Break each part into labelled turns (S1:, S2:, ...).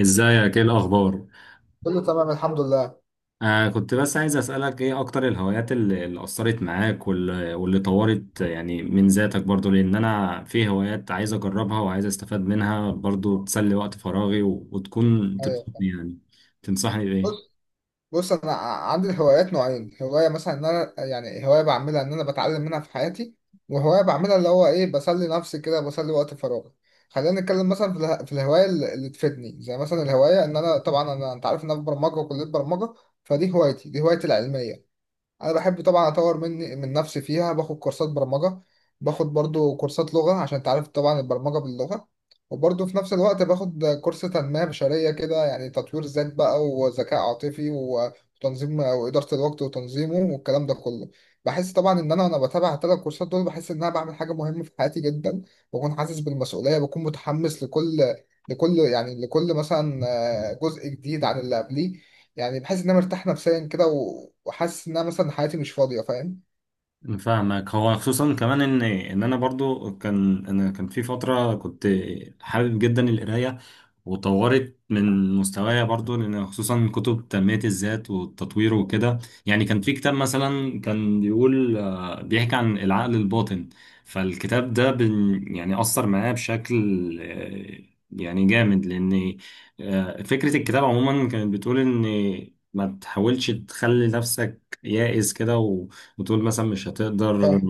S1: ازيك؟ ايه الاخبار؟
S2: كله تمام الحمد لله.
S1: كنت بس عايز اسالك ايه اكتر الهوايات اللي اثرت معاك، واللي طورت يعني من ذاتك برضو، لان انا في هوايات عايز اجربها وعايز استفاد منها برضو، تسلي وقت فراغي و... وتكون تبسطني
S2: ايوه.
S1: يعني. تنصحني بايه؟
S2: بص، بص، انا عندي هوايات نوعين. هوايه مثلا ان انا، يعني هوايه بعملها ان انا بتعلم منها في حياتي، وهوايه بعملها اللي هو ايه، بسلي نفسي كده، بسلي وقت فراغي. خلينا نتكلم مثلا في الهوايه اللي تفيدني، زي مثلا الهوايه ان انا، طبعا انا انت عارف ان انا في برمجه وكليه برمجه، فدي هوايتي، دي هوايتي العلميه. انا بحب طبعا اطور من نفسي فيها، باخد كورسات برمجه، باخد برضو كورسات لغه عشان انت عارف طبعا البرمجه باللغه. وبرضو في نفس الوقت باخد كورس تنميه بشريه كده، يعني تطوير ذات بقى، وذكاء عاطفي، وتنظيم واداره الوقت وتنظيمه، والكلام ده كله. بحس طبعا ان انا وانا بتابع الثلاث كورسات دول، بحس ان انا بعمل حاجه مهمه في حياتي جدا. بكون حاسس بالمسؤوليه، بكون متحمس لكل، لكل مثلا جزء جديد عن اللي قبليه. يعني بحس ان انا مرتاح نفسيا كده، وحاسس ان انا مثلا حياتي مش فاضيه، فاهم؟
S1: فاهمك، هو خصوصا كمان ان انا برضو كان في فتره كنت حابب جدا القرايه، وطورت من مستوايا برضو لان خصوصا كتب تنميه الذات والتطوير وكده. يعني كان في كتاب مثلا كان بيقول، بيحكي عن العقل الباطن. فالكتاب ده يعني اثر معايا بشكل، آه، يعني جامد، لان فكره الكتاب عموما كانت بتقول ان ما تحاولش تخلي نفسك يائس كده، وتقول مثلا مش هتقدر
S2: فاهم.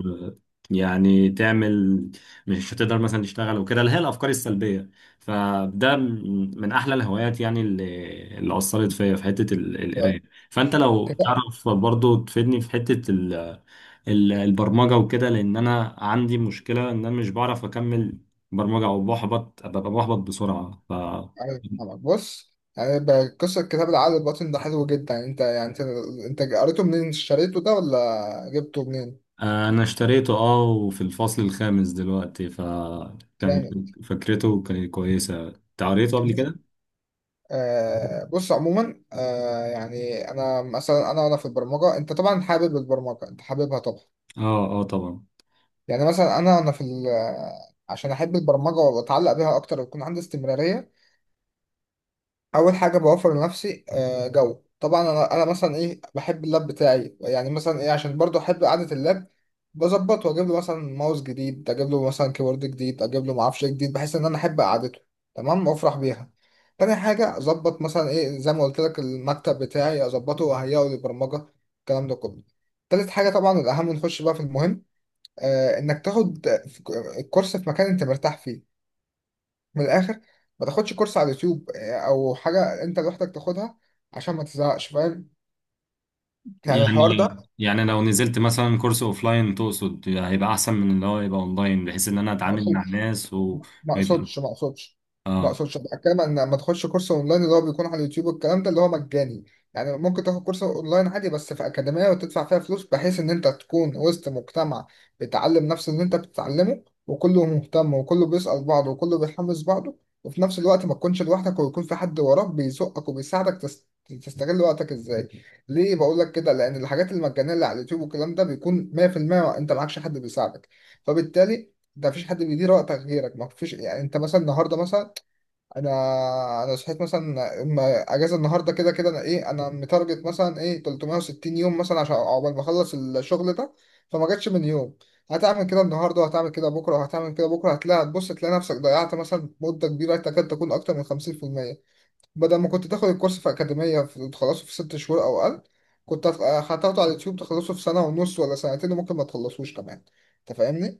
S1: يعني تعمل، مش هتقدر مثلا تشتغل وكده، اللي هي الافكار السلبيه. فده من احلى الهوايات، يعني اللي اثرت فيا في حته
S2: فاهم.
S1: القرايه. فانت لو
S2: كتاب-
S1: تعرف برضو تفيدني في حته البرمجة وكده، لأن أنا عندي مشكلة إن أنا مش بعرف أكمل برمجة، أو ببقى بحبط بسرعة. ف
S2: أيوة، فاهمك. بص، يعني قصه كتاب العقل الباطن ده حلو جدا. يعني انت، يعني انت قريته منين، اشتريته ده ولا جبته منين؟
S1: آه، انا اشتريته، وفي الفصل الخامس دلوقتي، فكان
S2: جامد.
S1: فكرته كانت كويسه. انت قريته قبل
S2: بص.
S1: كده؟
S2: بص عموما، يعني انا مثلا، انا وانا في البرمجه، انت طبعا حابب البرمجه، انت حاببها طبعا.
S1: اه، اه، طبعا.
S2: يعني مثلا انا عشان احب البرمجه واتعلق بيها اكتر ويكون عندي استمراريه، اول حاجه بوفر لنفسي جو. طبعا انا مثلا ايه، بحب اللاب بتاعي، يعني مثلا ايه، عشان برضو احب قعده اللاب، بظبطه واجيب له مثلا ماوس جديد، اجيب له مثلا كيبورد جديد، اجيب له معرفش إيه جديد، بحيث ان انا احب قعدته، تمام، وافرح بيها. تاني حاجه، اظبط مثلا ايه زي ما قلت لك المكتب بتاعي، اظبطه واهيئه للبرمجه، الكلام ده كله. تالت حاجه، طبعا الاهم، نخش بقى في المهم، انك تاخد كورس في مكان انت مرتاح فيه، من الاخر. ما تاخدش كورس على اليوتيوب او حاجه انت لوحدك تاخدها، عشان ما تزهقش، فاهم؟ يعني الحوار
S1: يعني
S2: ده
S1: لو نزلت مثلا كورس اوفلاين تقصد هيبقى احسن من اللي هو يبقى اونلاين، بحيث ان انا اتعامل مع
S2: مقصود.
S1: ناس وما
S2: ما
S1: يبقى
S2: اقصدش ما اقصدش ما
S1: اه.
S2: اقصدش بتكلم ان لما تخش كورس اونلاين اللي هو بيكون على اليوتيوب والكلام ده اللي هو مجاني. يعني ممكن تاخد كورس اونلاين عادي، بس في اكاديميه وتدفع فيها فلوس، بحيث ان انت تكون وسط مجتمع بيتعلم نفس اللي انت بتتعلمه، وكله مهتم، وكله بيسأل بعضه، وكله بيحمس بعضه، وفي نفس الوقت ما تكونش لوحدك، ويكون في حد وراك بيزقك وبيساعدك تستغل وقتك ازاي. ليه بقول لك كده؟ لان الحاجات المجانيه اللي على اليوتيوب والكلام ده بيكون 100% انت معكش حد بيساعدك. فبالتالي ده مفيش حد بيدير وقتك غيرك، ما فيش. يعني انت مثلا النهارده مثلا، انا انا صحيت مثلا، اما اجازه النهارده كده كده انا ايه، انا متارجت مثلا ايه 360 يوم مثلا عشان عقبال ما اخلص الشغل ده، فما جاتش من يوم هتعمل كده النهارده، وهتعمل كده بكره، وهتعمل كده بكره، هتلاقي، هتبص تلاقي نفسك ضيعت مثلا مده كبيره تكاد تكون اكتر من 50%. بدل ما كنت تاخد الكورس في اكاديميه تخلصه في 6 شهور او اقل، كنت هت- هتاخده على اليوتيوب تخلصه في سنه ونص ولا سنتين، وممكن ما تخلصوش كمان. انت فاهمني؟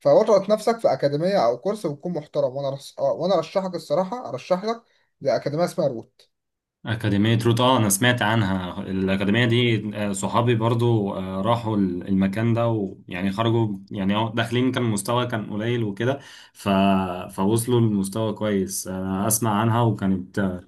S2: فاضغط نفسك في اكاديميه او كورس بتكون محترم، وانا رس... آه، وانا ارشحك، الصراحه ارشح لك زي اكاديميه اسمها روت.
S1: أكاديمية روت، اه، أنا سمعت عنها الأكاديمية دي، صحابي برضو راحوا المكان ده، ويعني خرجوا، يعني هو داخلين كان مستوى كان قليل وكده. ف... فوصلوا لمستوى كويس، أنا أسمع عنها، وكانت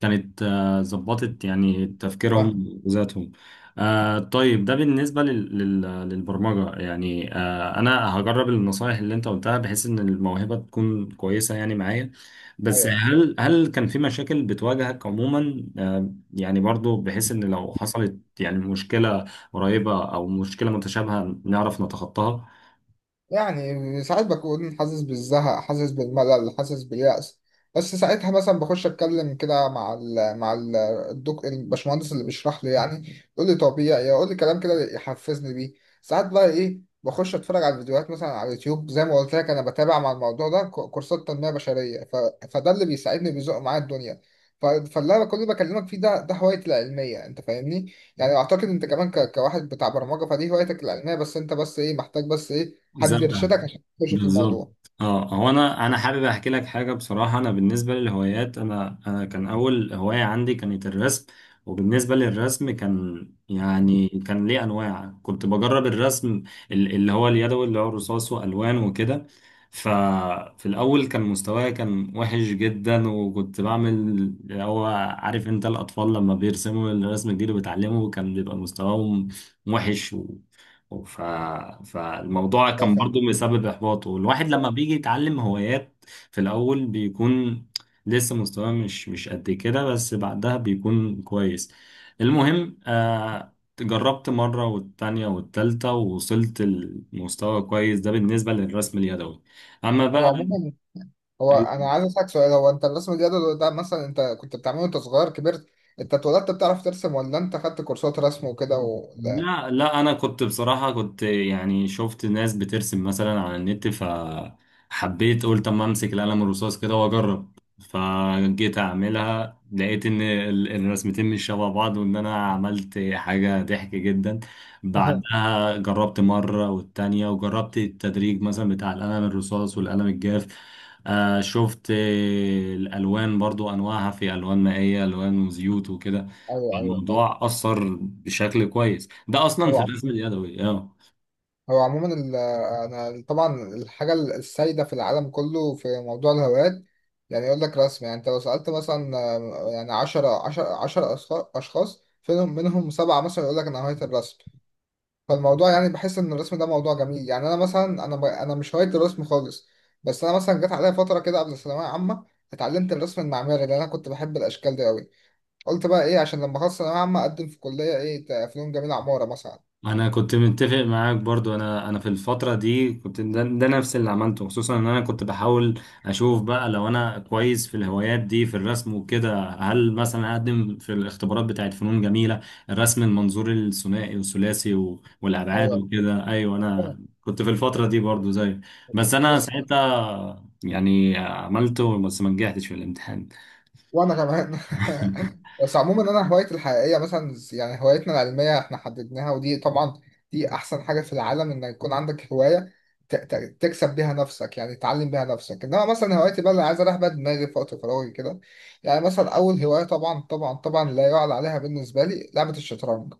S1: كانت ظبطت يعني
S2: فاهم.
S1: تفكيرهم وذاتهم. طيب، ده بالنسبة للبرمجة. يعني أنا هجرب النصائح اللي أنت قلتها، بحيث إن الموهبة تكون كويسة يعني معايا. بس
S2: ايوه،
S1: هل كان في مشاكل بتواجهك عموما، يعني برضو، بحيث إن لو حصلت يعني مشكلة قريبة أو مشكلة متشابهة نعرف نتخطاها؟
S2: يعني ساعات بكون حاسس بالزهق، حاسس بالملل، حاسس باليأس. بس ساعتها مثلا بخش اتكلم كده مع الدك الباشمهندس اللي بيشرح لي، يعني يقول لي طبيعي، يقول لي كلام كده يحفزني بيه. ساعات بقى ايه، بخش اتفرج على الفيديوهات مثلا على اليوتيوب زي ما قلت لك، انا بتابع مع الموضوع ده كورسات تنمية بشرية. فده اللي بيساعدني بيزق معايا الدنيا. فاللي انا كل بكلمك فيه ده، ده هوايتي العلمية، انت فاهمني؟ يعني اعتقد انت كمان كواحد بتاع برمجة، فدي هوايتك العلمية، بس انت بس ايه محتاج، بس ايه،
S1: زي
S2: حد يرشدك عشان تخش في
S1: بالظبط.
S2: الموضوع.
S1: اه، هو انا حابب احكي لك حاجه بصراحه. انا بالنسبه للهوايات، انا كان اول هوايه عندي كانت الرسم، وبالنسبه للرسم كان يعني كان ليه انواع، كنت بجرب الرسم اللي هو اليدوي، اللي هو رصاص والوان وكده. ففي الاول كان مستواي كان وحش جدا، وكنت بعمل اللي هو، عارف انت الاطفال لما بيرسموا الرسم الجديد وبيتعلموا كان بيبقى مستواهم وحش. ف... فالموضوع
S2: اه،
S1: كان
S2: فاهم.
S1: برضو مسبب إحباط، والواحد لما بيجي يتعلم هوايات في الأول بيكون لسه مستواه مش قد كده، بس بعدها بيكون كويس. المهم، جربت مرة والتانية والتالتة، ووصلت لمستوى كويس، ده بالنسبة للرسم اليدوي. أما
S2: هو
S1: بقى،
S2: عموما، انا عايز اسالك سؤال، هو انت الرسم الجدول ده مثلا انت كنت بتعمله وانت صغير كبرت، انت اتولدت بتعرف ترسم، ولا انت خدت كورسات رسم وكده لا.
S1: لا، لا، انا كنت بصراحة كنت يعني شفت ناس بترسم مثلا على النت، فحبيت، قلت اما امسك القلم الرصاص كده واجرب، فجيت اعملها لقيت ان الرسمتين مش شبه بعض، وان انا عملت حاجة ضحك جدا. بعدها جربت مرة والتانية، وجربت التدريج مثلا بتاع القلم الرصاص والقلم الجاف. آه، شفت الالوان برضو انواعها، في الوان مائية، الوان وزيوت وكده.
S2: ايوه، ايوه، فاهم.
S1: الموضوع أثر بشكل كويس، ده أصلا
S2: هو
S1: في الرسم
S2: عموما،
S1: اليدوي، اه.
S2: انا طبعا الحاجه السائده في العالم كله في موضوع الهوايات، يعني يقول لك رسم. يعني انت لو سالت مثلا يعني 10 10 10 اشخاص، فيهم منهم 7 مثلا يقول لك انا هوايه الرسم. فالموضوع يعني بحس ان الرسم ده موضوع جميل، يعني انا مثلا انا مش هوايه الرسم خالص. بس انا مثلا جت عليا فتره كده قبل الثانويه عامه، اتعلمت الرسم المعماري لان انا كنت بحب الاشكال دي قوي. قلت بقى ايه عشان لما اخلص ثانويه عامه اقدم في كليه ايه، فنون جميله، عماره مثلا.
S1: أنا كنت متفق معاك برضو، أنا في الفترة دي كنت ده نفس اللي عملته، خصوصا إن أنا كنت بحاول أشوف بقى لو أنا كويس في الهوايات دي في الرسم وكده، هل مثلا أقدم في الاختبارات بتاعت فنون جميلة، الرسم المنظور الثنائي والثلاثي و- والأبعاد
S2: ايوه،
S1: وكده. أيوه، أنا كنت في الفترة دي برضو زي، بس أنا
S2: بس
S1: ساعتها يعني عملته، بس ما نجحتش في الامتحان.
S2: وانا كمان. بس عموما، انا هوايتي الحقيقيه مثلا، يعني هوايتنا العلميه احنا حددناها، ودي طبعا دي احسن حاجه في العالم، ان يكون عندك هوايه تكسب بيها نفسك، يعني تعلم بيها نفسك. انما مثلا هوايتي بقى اللي عايز اريح بيها دماغي في وقت فراغي كده، يعني مثلا اول هوايه، طبعا طبعا طبعا لا يعلى عليها بالنسبه لي، لعبه الشطرنج.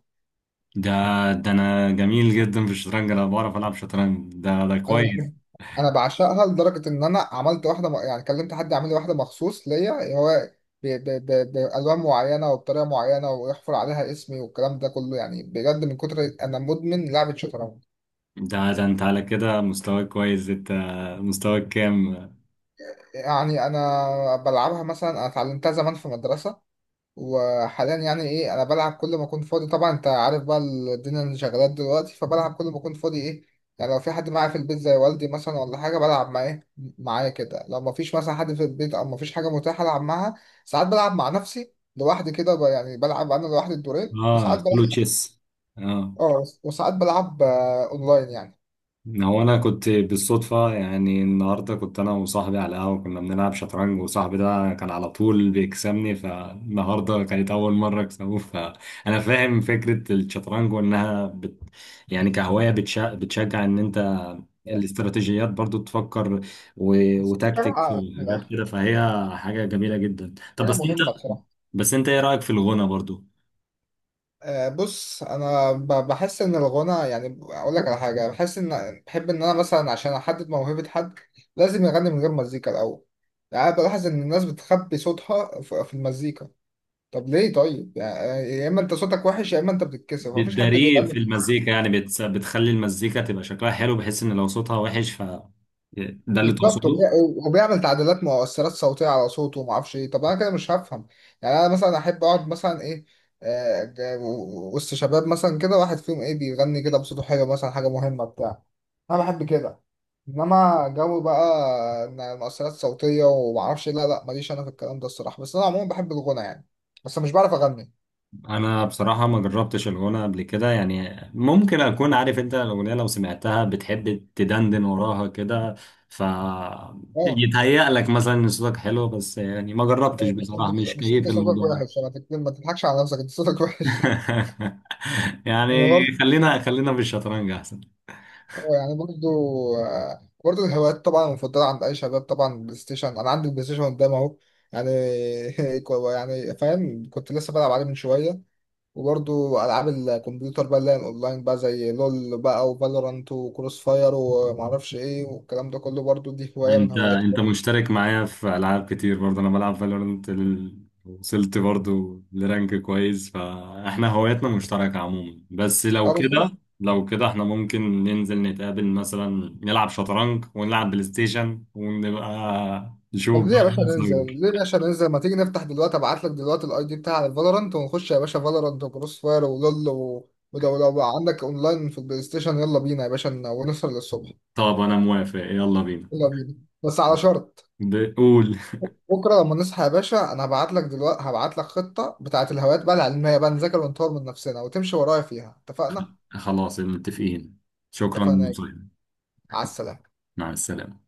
S1: ده ده انا جميل جدا في الشطرنج، انا بعرف العب شطرنج، ده
S2: انا
S1: كويس.
S2: بحب، انا بعشقها لدرجه ان انا عملت يعني كلمت حد يعمل لي واحده مخصوص ليا هو، بالوان معينه وبطريقه معينه، ويحفر عليها اسمي والكلام ده كله. يعني بجد من كتر مدمن لعبه شطرنج.
S1: ده انت على كده مستواك كويس انت. مستواك كام؟
S2: يعني انا بلعبها مثلا، انا اتعلمتها زمان في مدرسه، وحاليا يعني ايه، انا بلعب كل ما اكون فاضي. طبعا انت عارف بقى الدنيا اللي شغالات دلوقتي، فبلعب كل ما اكون فاضي ايه. يعني لو في حد معايا في البيت زي والدي مثلا ولا حاجه بلعب معاه معايا كده، لو ما فيش مثلا حد في البيت او ما فيش حاجه متاحه العب معاها، ساعات بلعب مع نفسي لوحدي كده، يعني بلعب انا لوحدي الدورين.
S1: اه،
S2: وساعات
S1: كله
S2: بلعب
S1: تشيس. اه،
S2: اه، وساعات بلعب اونلاين يعني.
S1: هو انا كنت بالصدفه، يعني النهارده كنت انا وصاحبي على القهوه، كنا بنلعب شطرنج، وصاحبي ده كان على طول بيكسبني، فالنهارده كانت اول مره اكسبه. فانا فاهم فكره الشطرنج، وانها يعني كهوايه بتشجع ان انت الاستراتيجيات برضو تفكر و...
S2: بس
S1: وتكتيك
S2: بلعب من
S1: وحاجات
S2: الآخر.
S1: كده، فهي حاجه جميله جدا. طب
S2: حاجه
S1: بس انت،
S2: مهمه بصراحه.
S1: ايه رايك في الغنى برضو؟
S2: بص، انا بحس ان الغنى، يعني اقول لك على حاجه، بحس ان بحب ان انا مثلا عشان احدد موهبه حد لازم يغني من غير مزيكا الاول. يعني بلاحظ ان الناس بتخبي صوتها في المزيكا. طب ليه؟ طيب يعني يا اما انت صوتك وحش، يا اما انت بتتكسف، مفيش حد
S1: بتداريه في
S2: بيغني
S1: المزيكا، يعني بتخلي المزيكا تبقى شكلها حلو، بحيث ان لو صوتها وحش ف، ده اللي
S2: بالظبط.
S1: تقصده؟
S2: وبيعمل تعديلات مؤثرات صوتيه على صوته وما اعرفش ايه، طب انا كده مش هفهم. يعني انا مثلا احب اقعد مثلا ايه، آه، ج- وسط شباب مثلا كده، واحد فيهم ايه بيغني كده بصوته حلو مثلا، حاجه مهمه بتاع، انا بحب كده. انما جو بقى إن مؤثرات صوتيه وما اعرفش إيه، لا لا، ماليش انا في الكلام ده الصراحه. بس انا عموما بحب الغنى، يعني بس مش بعرف اغني.
S1: انا بصراحة ما جربتش الغنى قبل كده، يعني ممكن اكون، عارف انت الاغنية لو سمعتها بتحب تدندن وراها كده، ف
S2: اه.
S1: يتهيأ لك مثلا ان صوتك حلو، بس يعني ما جربتش
S2: بس انت
S1: بصراحة، مش
S2: بس أنت
S1: كيف
S2: صوتك
S1: الموضوع ده.
S2: وحش، انا، ما تضحكش على نفسك، انت صوتك وحش.
S1: يعني
S2: انا برضه.
S1: خلينا خلينا في الشطرنج.
S2: هو يعني برضو، برضو الهوايات طبعا المفضلة عند أي شباب، طبعا بلاي ستيشن، أنا عندي بلاي ستيشن قدام أهو، يعني. يعني فاهم، كنت لسه بلعب عليه من شوية. وبرضو ألعاب الكمبيوتر بقى اللي هي الأونلاين بقى، زي لول بقى، وفالورانت، وكروس فاير، ومعرفش إيه، والكلام ده كله برضو دي هواية من
S1: انت
S2: هواياتي.
S1: انت مشترك معايا في العاب كتير برضه، انا بلعب فالورنت وصلت برضه لرانك كويس، فاحنا هواياتنا مشتركة عموما. بس لو كده، احنا ممكن ننزل نتقابل مثلا، نلعب شطرنج ونلعب بلاي ستيشن ونبقى
S2: طب
S1: نشوف
S2: ليه يا
S1: بقى
S2: باشا
S1: مين
S2: ننزل؟
S1: سايبر.
S2: ليه يا باشا ننزل؟ ما تيجي نفتح دلوقتي، ابعت لك دلوقتي الاي دي بتاع الفالورانت ونخش يا باشا فالورانت، وكروس فاير، ولول، ولو بقى عندك اونلاين في البلاي ستيشن، يلا بينا يا باشا، ونسهر للصبح.
S1: طب انا موافق، يلا بينا.
S2: يلا بينا، بس على شرط،
S1: بقول،
S2: بكره لما نصحى يا باشا، انا هبعت لك دلوقتي، هبعت لك خطه بتاعه الهوايات بقى العلميه بقى، نذاكر ونطور من نفسنا وتمشي ورايا فيها، اتفقنا؟
S1: خلاص متفقين. شكرا
S2: اتفقنا.
S1: للمشاهدة.
S2: على السلامه.
S1: مع السلامة.